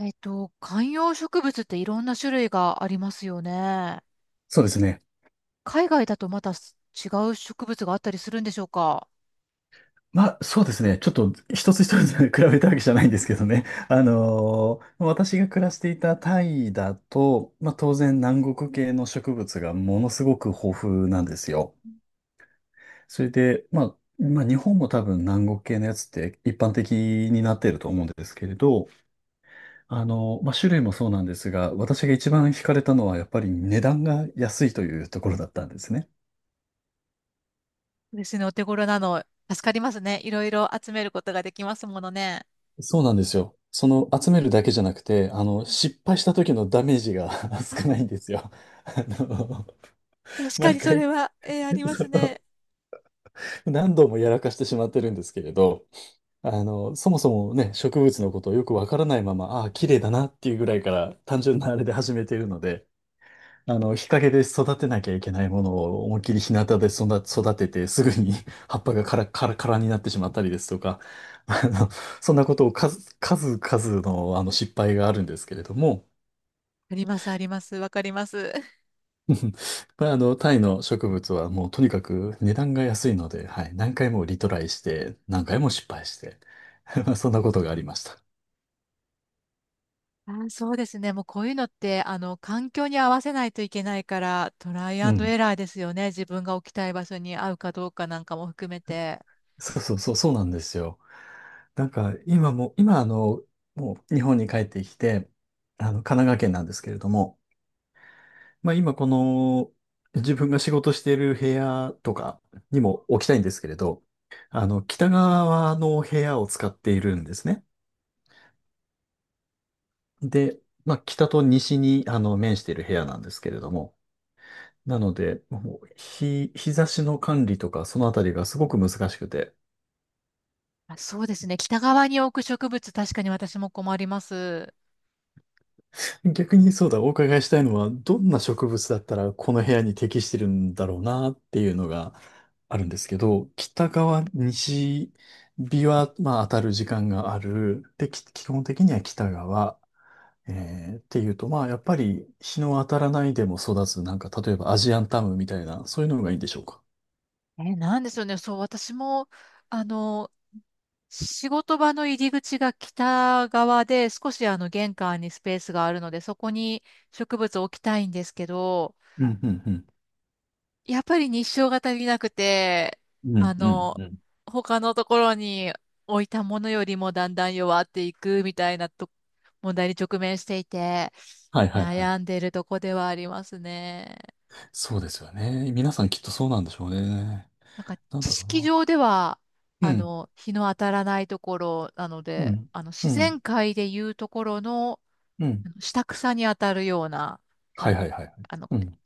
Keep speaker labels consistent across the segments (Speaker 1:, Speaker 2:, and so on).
Speaker 1: 観葉植物っていろんな種類がありますよね。
Speaker 2: そうですね。
Speaker 1: 海外だとまたす違う植物があったりするんでしょうか？
Speaker 2: まあ、そうですね。ちょっと一つ一つ 比べたわけじゃないんですけどね。私が暮らしていたタイだと、まあ当然南国系の植物がものすごく豊富なんですよ。それで、まあ日本も多分南国系のやつって一般的になっていると思うんですけれど、まあ種類もそうなんですが、私が一番惹かれたのはやっぱり値段が安いというところだったんですね。
Speaker 1: 私のお手頃なの、助かりますね。いろいろ集めることができますものね。
Speaker 2: そうなんですよ。その集めるだけじゃなくて、失敗した時のダメージが 少な
Speaker 1: あ、
Speaker 2: いんですよ。あの、
Speaker 1: 確か
Speaker 2: 毎
Speaker 1: にそれ
Speaker 2: 回
Speaker 1: は、ありま
Speaker 2: そ
Speaker 1: す
Speaker 2: の
Speaker 1: ね。
Speaker 2: 何度もやらかしてしまってるんですけれど、そもそもね、植物のことをよくわからないまま、ああ、綺麗だなっていうぐらいから単純なあれで始めているので、日陰で育てなきゃいけないものを思いっきり日向で育てて、すぐに 葉っぱがカラカラカラになってしまったりですとか、あの、そんなことを数々の、失敗があるんですけれども、
Speaker 1: あります、あります。わかります。
Speaker 2: まあ、タイの植物はもうとにかく値段が安いので、はい、何回もリトライして、何回も失敗して、まあそんなことがありました。
Speaker 1: あ、そうですね。もうこういうのって、環境に合わせないといけないから、トライア
Speaker 2: う
Speaker 1: ンドエ
Speaker 2: ん。
Speaker 1: ラーですよね。自分が置きたい場所に合うかどうかなんかも含めて。
Speaker 2: そうそうそう、そうなんですよ。なんか今も、今もう日本に帰ってきて、神奈川県なんですけれども、まあ今この自分が仕事している部屋とかにも置きたいんですけれど、北側の部屋を使っているんですね。で、まあ北と西に面している部屋なんですけれども、なので、もう日差しの管理とかそのあたりがすごく難しくて、
Speaker 1: あ、そうですね。北側に置く植物、確かに私も困ります。
Speaker 2: 逆にそうだ、お伺いしたいのは、どんな植物だったらこの部屋に適してるんだろうなっていうのがあるんですけど、北側、西日は、まあ、当たる時間がある。で、基本的には北側。っていうと、まあ、やっぱり日の当たらないでも育つ、なんか、例えばアジアンタムみたいな、そういうのがいいんでしょうか。
Speaker 1: え、なんでしょうね。そう、私も、あの、仕事場の入り口が北側で、少しあの玄関にスペースがあるので、そこに植物を置きたいんですけど、
Speaker 2: うん、うん、うん。
Speaker 1: やっぱり日照が足りなくて、
Speaker 2: うん、
Speaker 1: あ
Speaker 2: うん、
Speaker 1: の、
Speaker 2: うん。
Speaker 1: 他のところに置いたものよりもだんだん弱っていくみたいなと問題に直面していて、
Speaker 2: はい、はい、はい。
Speaker 1: 悩んでいるとこではありますね。
Speaker 2: そうですよね。皆さんきっとそうなんでしょうね。
Speaker 1: なんか
Speaker 2: なん
Speaker 1: 知
Speaker 2: だろう
Speaker 1: 識
Speaker 2: な。
Speaker 1: 上では、
Speaker 2: うん、
Speaker 1: 日の当たらないところなの
Speaker 2: う
Speaker 1: で、
Speaker 2: ん、う
Speaker 1: 自
Speaker 2: ん、
Speaker 1: 然界でいうところの、
Speaker 2: う
Speaker 1: あ
Speaker 2: ん。
Speaker 1: の下草に当たるような、あ
Speaker 2: はい
Speaker 1: の、
Speaker 2: はいはい。
Speaker 1: ご
Speaker 2: う
Speaker 1: めん、
Speaker 2: ん、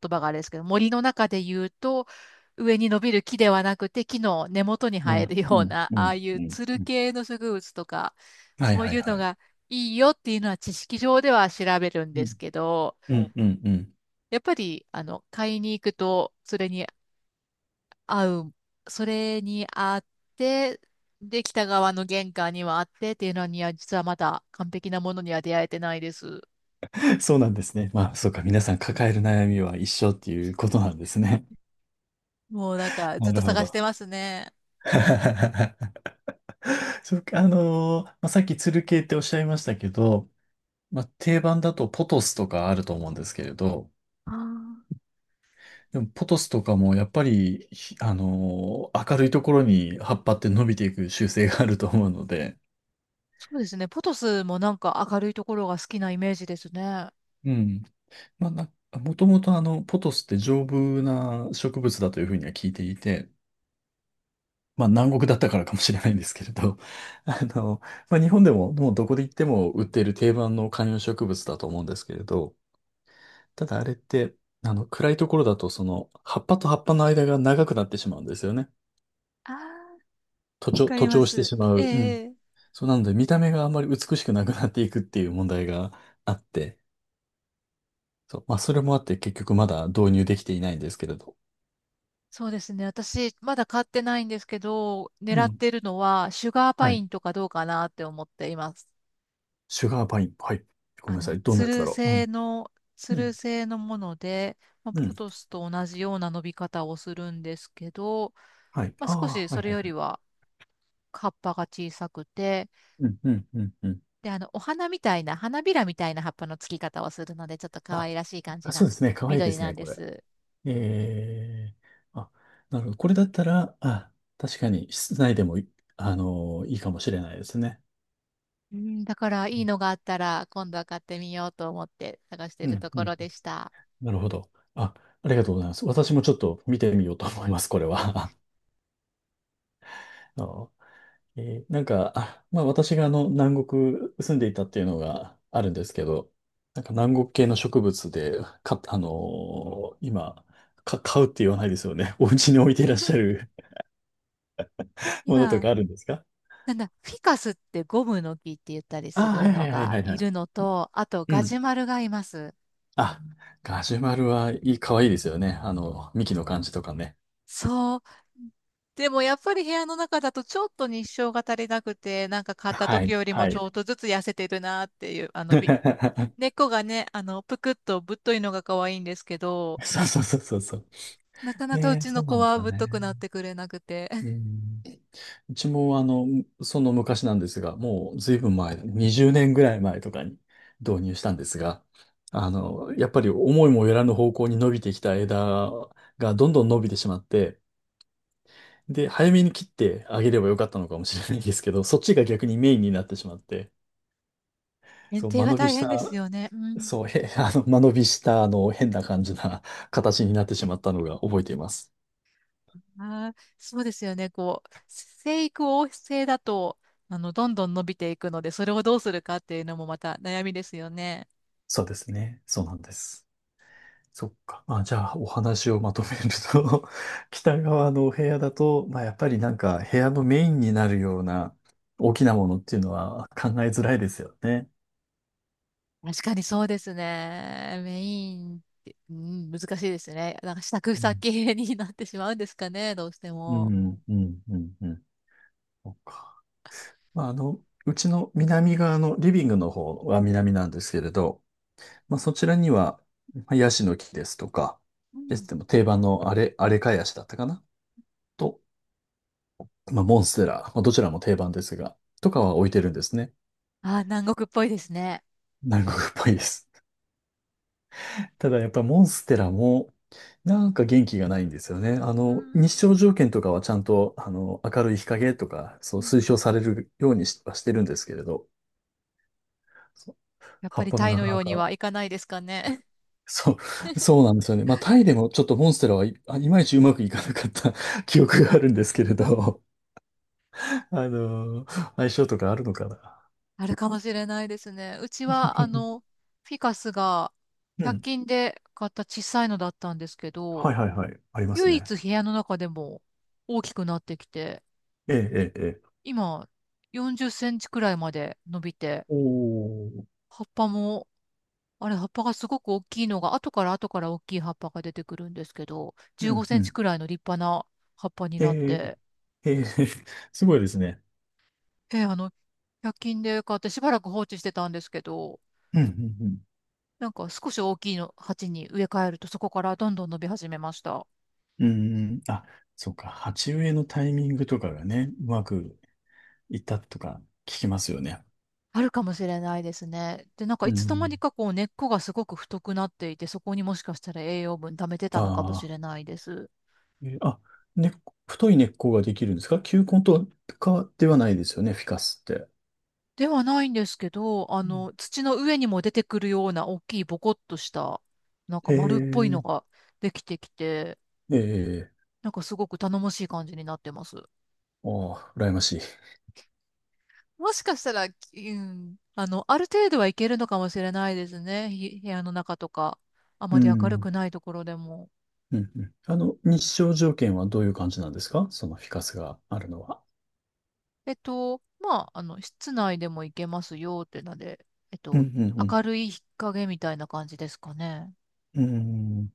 Speaker 1: 言葉があれですけど、森の中で言うと、上に伸びる木ではなくて、木の根元に
Speaker 2: う
Speaker 1: 生え
Speaker 2: ん、
Speaker 1: る
Speaker 2: う
Speaker 1: よう
Speaker 2: ん、
Speaker 1: な、
Speaker 2: う
Speaker 1: ああ
Speaker 2: ん、
Speaker 1: い
Speaker 2: うん。
Speaker 1: うつる
Speaker 2: うん。
Speaker 1: 系の植物とか、
Speaker 2: はい
Speaker 1: そう
Speaker 2: はい
Speaker 1: いう
Speaker 2: は
Speaker 1: の
Speaker 2: い。
Speaker 1: がいいよっていうのは知識上では調べるん
Speaker 2: う
Speaker 1: で
Speaker 2: ん、
Speaker 1: すけど、
Speaker 2: うん、うん。うん。
Speaker 1: やっぱり、買いに行くと、合う、それにあって、で、北側の玄関にはあってっていうのには、実はまだ完璧なものには出会えてないです。
Speaker 2: そうなんですね。まあ、そうか。皆さん抱える悩みは一緒っていうことなんですね。
Speaker 1: もうなんか、ずっ
Speaker 2: な
Speaker 1: と
Speaker 2: るほ
Speaker 1: 探して
Speaker 2: ど。
Speaker 1: ますね。
Speaker 2: そうか。まあ、さっきつる系っておっしゃいましたけど、まあ、定番だとポトスとかあると思うんですけれど、
Speaker 1: あー、
Speaker 2: でもポトスとかもやっぱり、明るいところに葉っぱって伸びていく習性があると思うので、
Speaker 1: そうですね。ポトスもなんか明るいところが好きなイメージですね。あ
Speaker 2: うん。まあ、もともとポトスって丈夫な植物だというふうには聞いていて、まあ南国だったからかもしれないんですけれど、あの、まあ日本でももうどこで行っても売っている定番の観葉植物だと思うんですけれど、ただあれって、暗いところだとその、葉っぱと葉っぱの間が長くなってしまうんですよね。
Speaker 1: あ、わかり
Speaker 2: 徒
Speaker 1: ま
Speaker 2: 長して
Speaker 1: す。
Speaker 2: しまう。う
Speaker 1: え
Speaker 2: ん。
Speaker 1: え。
Speaker 2: そうなので見た目があんまり美しくなくなっていくっていう問題があって、そう、まあそれもあって結局まだ導入できていないんですけれど。
Speaker 1: そうですね。私、まだ買ってないんですけど、
Speaker 2: う
Speaker 1: 狙っ
Speaker 2: ん。
Speaker 1: てるのは、シュガーパ
Speaker 2: は
Speaker 1: イ
Speaker 2: い。
Speaker 1: ンとかどうかなって思っています。
Speaker 2: シュガーパイン。はい。ごめんなさい。どんなやつだろう。うん。
Speaker 1: つ
Speaker 2: う
Speaker 1: る
Speaker 2: ん。
Speaker 1: 製のもので、まあ、
Speaker 2: う
Speaker 1: ポ
Speaker 2: ん。
Speaker 1: トスと同じような伸び方をするんですけど、
Speaker 2: はい。
Speaker 1: まあ、
Speaker 2: あ
Speaker 1: 少し
Speaker 2: あ、
Speaker 1: そ
Speaker 2: はい
Speaker 1: れ
Speaker 2: はい
Speaker 1: よ
Speaker 2: は
Speaker 1: り
Speaker 2: い。
Speaker 1: は葉っぱが小さくて、
Speaker 2: うん、うん、うん、うん。
Speaker 1: で、お花みたいな、花びらみたいな葉っぱのつき方をするので、ちょっと可
Speaker 2: あ、
Speaker 1: 愛らしい感じ
Speaker 2: そ
Speaker 1: な
Speaker 2: うですね。かわいいで
Speaker 1: 緑
Speaker 2: す
Speaker 1: な
Speaker 2: ね、
Speaker 1: んで
Speaker 2: これ。
Speaker 1: す。
Speaker 2: ええ、あ、なるほど。これだったら、あ、確かに室内でもいいかもしれないですね。
Speaker 1: うん、だからいいのがあったら、今度は買ってみようと思って探して
Speaker 2: う
Speaker 1: る
Speaker 2: ん、
Speaker 1: と
Speaker 2: う
Speaker 1: ころ
Speaker 2: ん。
Speaker 1: でした。
Speaker 2: なるほど。あ、ありがとうございます。私もちょっと見てみようと思います、これは。あのなんか、あ、まあ私が南国住んでいたっていうのがあるんですけど、なんか南国系の植物で、今、買うって言わないですよね。お家に置いていらっしゃ る ものと
Speaker 1: 今、
Speaker 2: かあるんですか？
Speaker 1: なんだ、フィカスってゴムの木って言ったり
Speaker 2: あ。
Speaker 1: す
Speaker 2: は
Speaker 1: る
Speaker 2: いは
Speaker 1: の
Speaker 2: いはい
Speaker 1: が
Speaker 2: はいは
Speaker 1: い
Speaker 2: い。
Speaker 1: るのと、あと
Speaker 2: う
Speaker 1: ガ
Speaker 2: ん。
Speaker 1: ジュマルがいます。
Speaker 2: あ、ガジュマルはいい、かわいいですよね。幹の感じとかね。
Speaker 1: そう。でもやっぱり部屋の中だとちょっと日照が足りなくて、なんか買った
Speaker 2: は
Speaker 1: 時
Speaker 2: い、
Speaker 1: よりも
Speaker 2: は
Speaker 1: ち
Speaker 2: い。
Speaker 1: ょっとずつ痩せてるなっていう、根 っこがね、ぷくっとぶっといのが可愛いんですけど、
Speaker 2: そうそうそうそうそう。
Speaker 1: なかなかう
Speaker 2: で、
Speaker 1: ち
Speaker 2: そ
Speaker 1: の
Speaker 2: うな
Speaker 1: 子
Speaker 2: んです
Speaker 1: は
Speaker 2: よ
Speaker 1: ぶっとく
Speaker 2: ね。
Speaker 1: なってくれなくて、
Speaker 2: う ん。うちもその昔なんですが、もうずいぶん前、20年ぐらい前とかに導入したんですが、やっぱり思いもよらぬ方向に伸びてきた枝がどんどん伸びてしまって、で、早めに切ってあげればよかったのかもしれないんですけど、そっちが逆にメインになってしまって、
Speaker 1: 園
Speaker 2: そう、
Speaker 1: 庭
Speaker 2: 間
Speaker 1: が
Speaker 2: 延び
Speaker 1: 大
Speaker 2: し
Speaker 1: 変です
Speaker 2: た、
Speaker 1: よね。うん。
Speaker 2: そう、へ、間延びした、変な感じな形になってしまったのが覚えています。
Speaker 1: あー、そうですよね。こう、生育旺盛だと、どんどん伸びていくので、それをどうするかっていうのもまた悩みですよね。
Speaker 2: そうですね。そうなんです。そっか。あ、じゃあ、お話をまとめると 北側のお部屋だと、まあ、やっぱりなんか、部屋のメインになるような大きなものっていうのは考えづらいですよね。
Speaker 1: 確かにそうですね。メインって、うん、難しいですね。なんか支度
Speaker 2: うん、
Speaker 1: 先になってしまうんですかね、どうして
Speaker 2: う
Speaker 1: も。
Speaker 2: ん、うん、うん。うん。そっか。まあ、うちの南側のリビングの方は南なんですけれど、まあ、そちらには、まあヤシの木ですとか、
Speaker 1: う
Speaker 2: で
Speaker 1: ん、
Speaker 2: すでも定番のあれ、あれかヤシだったかなと、まあ、モンステラ、まあ、どちらも定番ですが、とかは置いてるんですね。
Speaker 1: あー、南国っぽいですね。
Speaker 2: 南国っぽいです。ただやっぱりモンステラも、なんか元気がないんですよね。
Speaker 1: うん、
Speaker 2: 日照条件とかはちゃんと、明るい日陰とか、そう推奨されるようにしはしてるんですけれど、そう。
Speaker 1: やっ
Speaker 2: 葉
Speaker 1: ぱ
Speaker 2: っ
Speaker 1: り
Speaker 2: ぱが
Speaker 1: タイ
Speaker 2: なか
Speaker 1: のよ
Speaker 2: な
Speaker 1: うに
Speaker 2: か、
Speaker 1: はいかないですかね。
Speaker 2: そう、そうなんですよね。まあ、タイでもちょっとモンステラはいまいちうまくいかなかった 記憶があるんですけれど、あの、相性とかあるのかな。
Speaker 1: あるかもしれないですね。うちは、フィカスが
Speaker 2: う
Speaker 1: 100
Speaker 2: ん。
Speaker 1: 均で買った小さいのだったんですけ
Speaker 2: はい
Speaker 1: ど、
Speaker 2: はいはい。あります
Speaker 1: 唯
Speaker 2: ね。
Speaker 1: 一部屋の中でも大きくなってきて、
Speaker 2: ええ、ええ、ええ。
Speaker 1: 今40センチくらいまで伸びて、
Speaker 2: おー。
Speaker 1: 葉っぱもあれ、葉っぱがすごく大きいのが、後から後から大きい葉っぱが出てくるんですけど、
Speaker 2: う
Speaker 1: 15セ
Speaker 2: ん、う
Speaker 1: ンチ
Speaker 2: ん。
Speaker 1: くらいの立派な葉っぱに
Speaker 2: え
Speaker 1: なっ
Speaker 2: え、
Speaker 1: て、
Speaker 2: ええ、すごいですね。
Speaker 1: あの、100均で買ってしばらく放置してたんですけど、
Speaker 2: うん、うん、
Speaker 1: なんか少し大きいの鉢に植え替えると、そこからどんどん伸び始めました。
Speaker 2: うん。うん。うん。あ、そうか。鉢植えのタイミングとかがね、うまくいったとか聞きますよね。
Speaker 1: あるかもしれないですね。で、なんか
Speaker 2: う
Speaker 1: いつの間
Speaker 2: ん。
Speaker 1: にかこう根っこがすごく太くなっていて、そこにもしかしたら栄養分溜めてたのかもし
Speaker 2: ああ、
Speaker 1: れないです。
Speaker 2: あ、根っこ太い根っこができるんですか？球根とかではないですよね、フィカスって。
Speaker 1: ではないんですけど、
Speaker 2: うん。
Speaker 1: 土の上にも出てくるような大きいボコッとした、なんか
Speaker 2: へ
Speaker 1: 丸っぽいの
Speaker 2: え、
Speaker 1: ができてきて、
Speaker 2: ええ、
Speaker 1: なんかすごく頼もしい感じになってます。
Speaker 2: ああ、羨ましい。
Speaker 1: もしかしたら、うん、ある程度はいけるのかもしれないですね。ひ部屋の中とか、あま
Speaker 2: う
Speaker 1: り明るく
Speaker 2: ん。
Speaker 1: ないところでも。
Speaker 2: うん。うん、日照条件はどういう感じなんですか？そのフィカスがあるのは。
Speaker 1: まあ、室内でもいけますよってので、えっ
Speaker 2: う
Speaker 1: と、
Speaker 2: ん、うん、うん。
Speaker 1: 明るい日陰みたいな感じですかね。
Speaker 2: うん。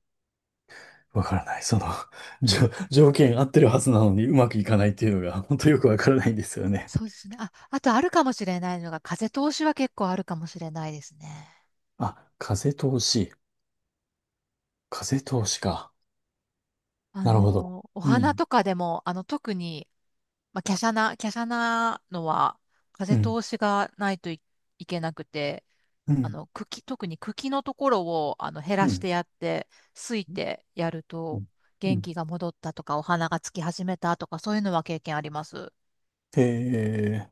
Speaker 2: わからない。その、条件合ってるはずなのにうまくいかないっていうのが、本当よくわからないんですよね。
Speaker 1: そうですね。あ、あとあるかもしれないのが、風通しは結構あるかもしれないですね。
Speaker 2: あ、風通し。風通しか。なるほど。
Speaker 1: お
Speaker 2: う
Speaker 1: 花
Speaker 2: ん、
Speaker 1: とかでも、特に、まあ、華奢なのは、
Speaker 2: う
Speaker 1: 風
Speaker 2: ん、
Speaker 1: 通しがないとい、いけなくて、
Speaker 2: うん、
Speaker 1: 特に茎のところを、減
Speaker 2: う
Speaker 1: らし
Speaker 2: ん、
Speaker 1: てやって、すいてやる
Speaker 2: う
Speaker 1: と、
Speaker 2: ん。う
Speaker 1: 元
Speaker 2: ん。
Speaker 1: 気が戻ったとか、お花がつき始めたとか、そういうのは経験あります。
Speaker 2: えー、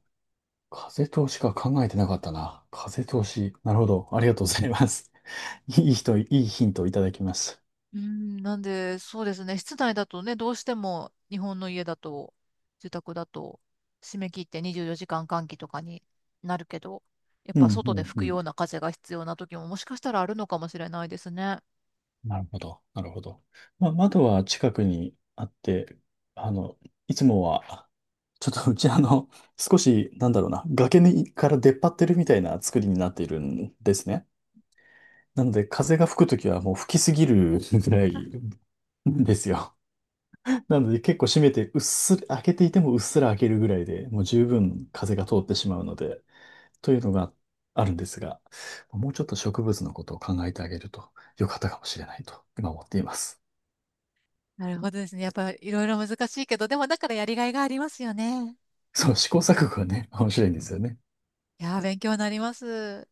Speaker 2: 風通しか考えてなかったな。風通し。なるほど。ありがとうございます。いい人、いいヒントをいただきます。
Speaker 1: うん、なんで、そうですね、室内だとね、どうしても日本の家だと、住宅だと、締め切って24時間換気とかになるけど、やっ
Speaker 2: うん、
Speaker 1: ぱ外で吹
Speaker 2: う
Speaker 1: く
Speaker 2: ん、う
Speaker 1: よう
Speaker 2: ん。
Speaker 1: な風が必要な時ももしかしたらあるのかもしれないですね。
Speaker 2: なるほど、なるほど。まあ、窓は近くにあって、あの、いつもは、ちょっとうち少し、なんだろうな、崖にから出っ張ってるみたいな作りになっているんですね。なので、風が吹くときはもう吹きすぎるぐらいですよ。なので、結構閉めて、うっすら、開けていてもうっすら開けるぐらいでもう十分風が通ってしまうので、というのがあるんですが、もうちょっと植物のことを考えてあげると良かったかもしれないと、今思っています。
Speaker 1: なるほどですね。やっぱいろいろ難しいけど、でもだからやりがいがありますよね。
Speaker 2: そう、試行錯誤がね、面白いんですよね。
Speaker 1: いやー、勉強になります。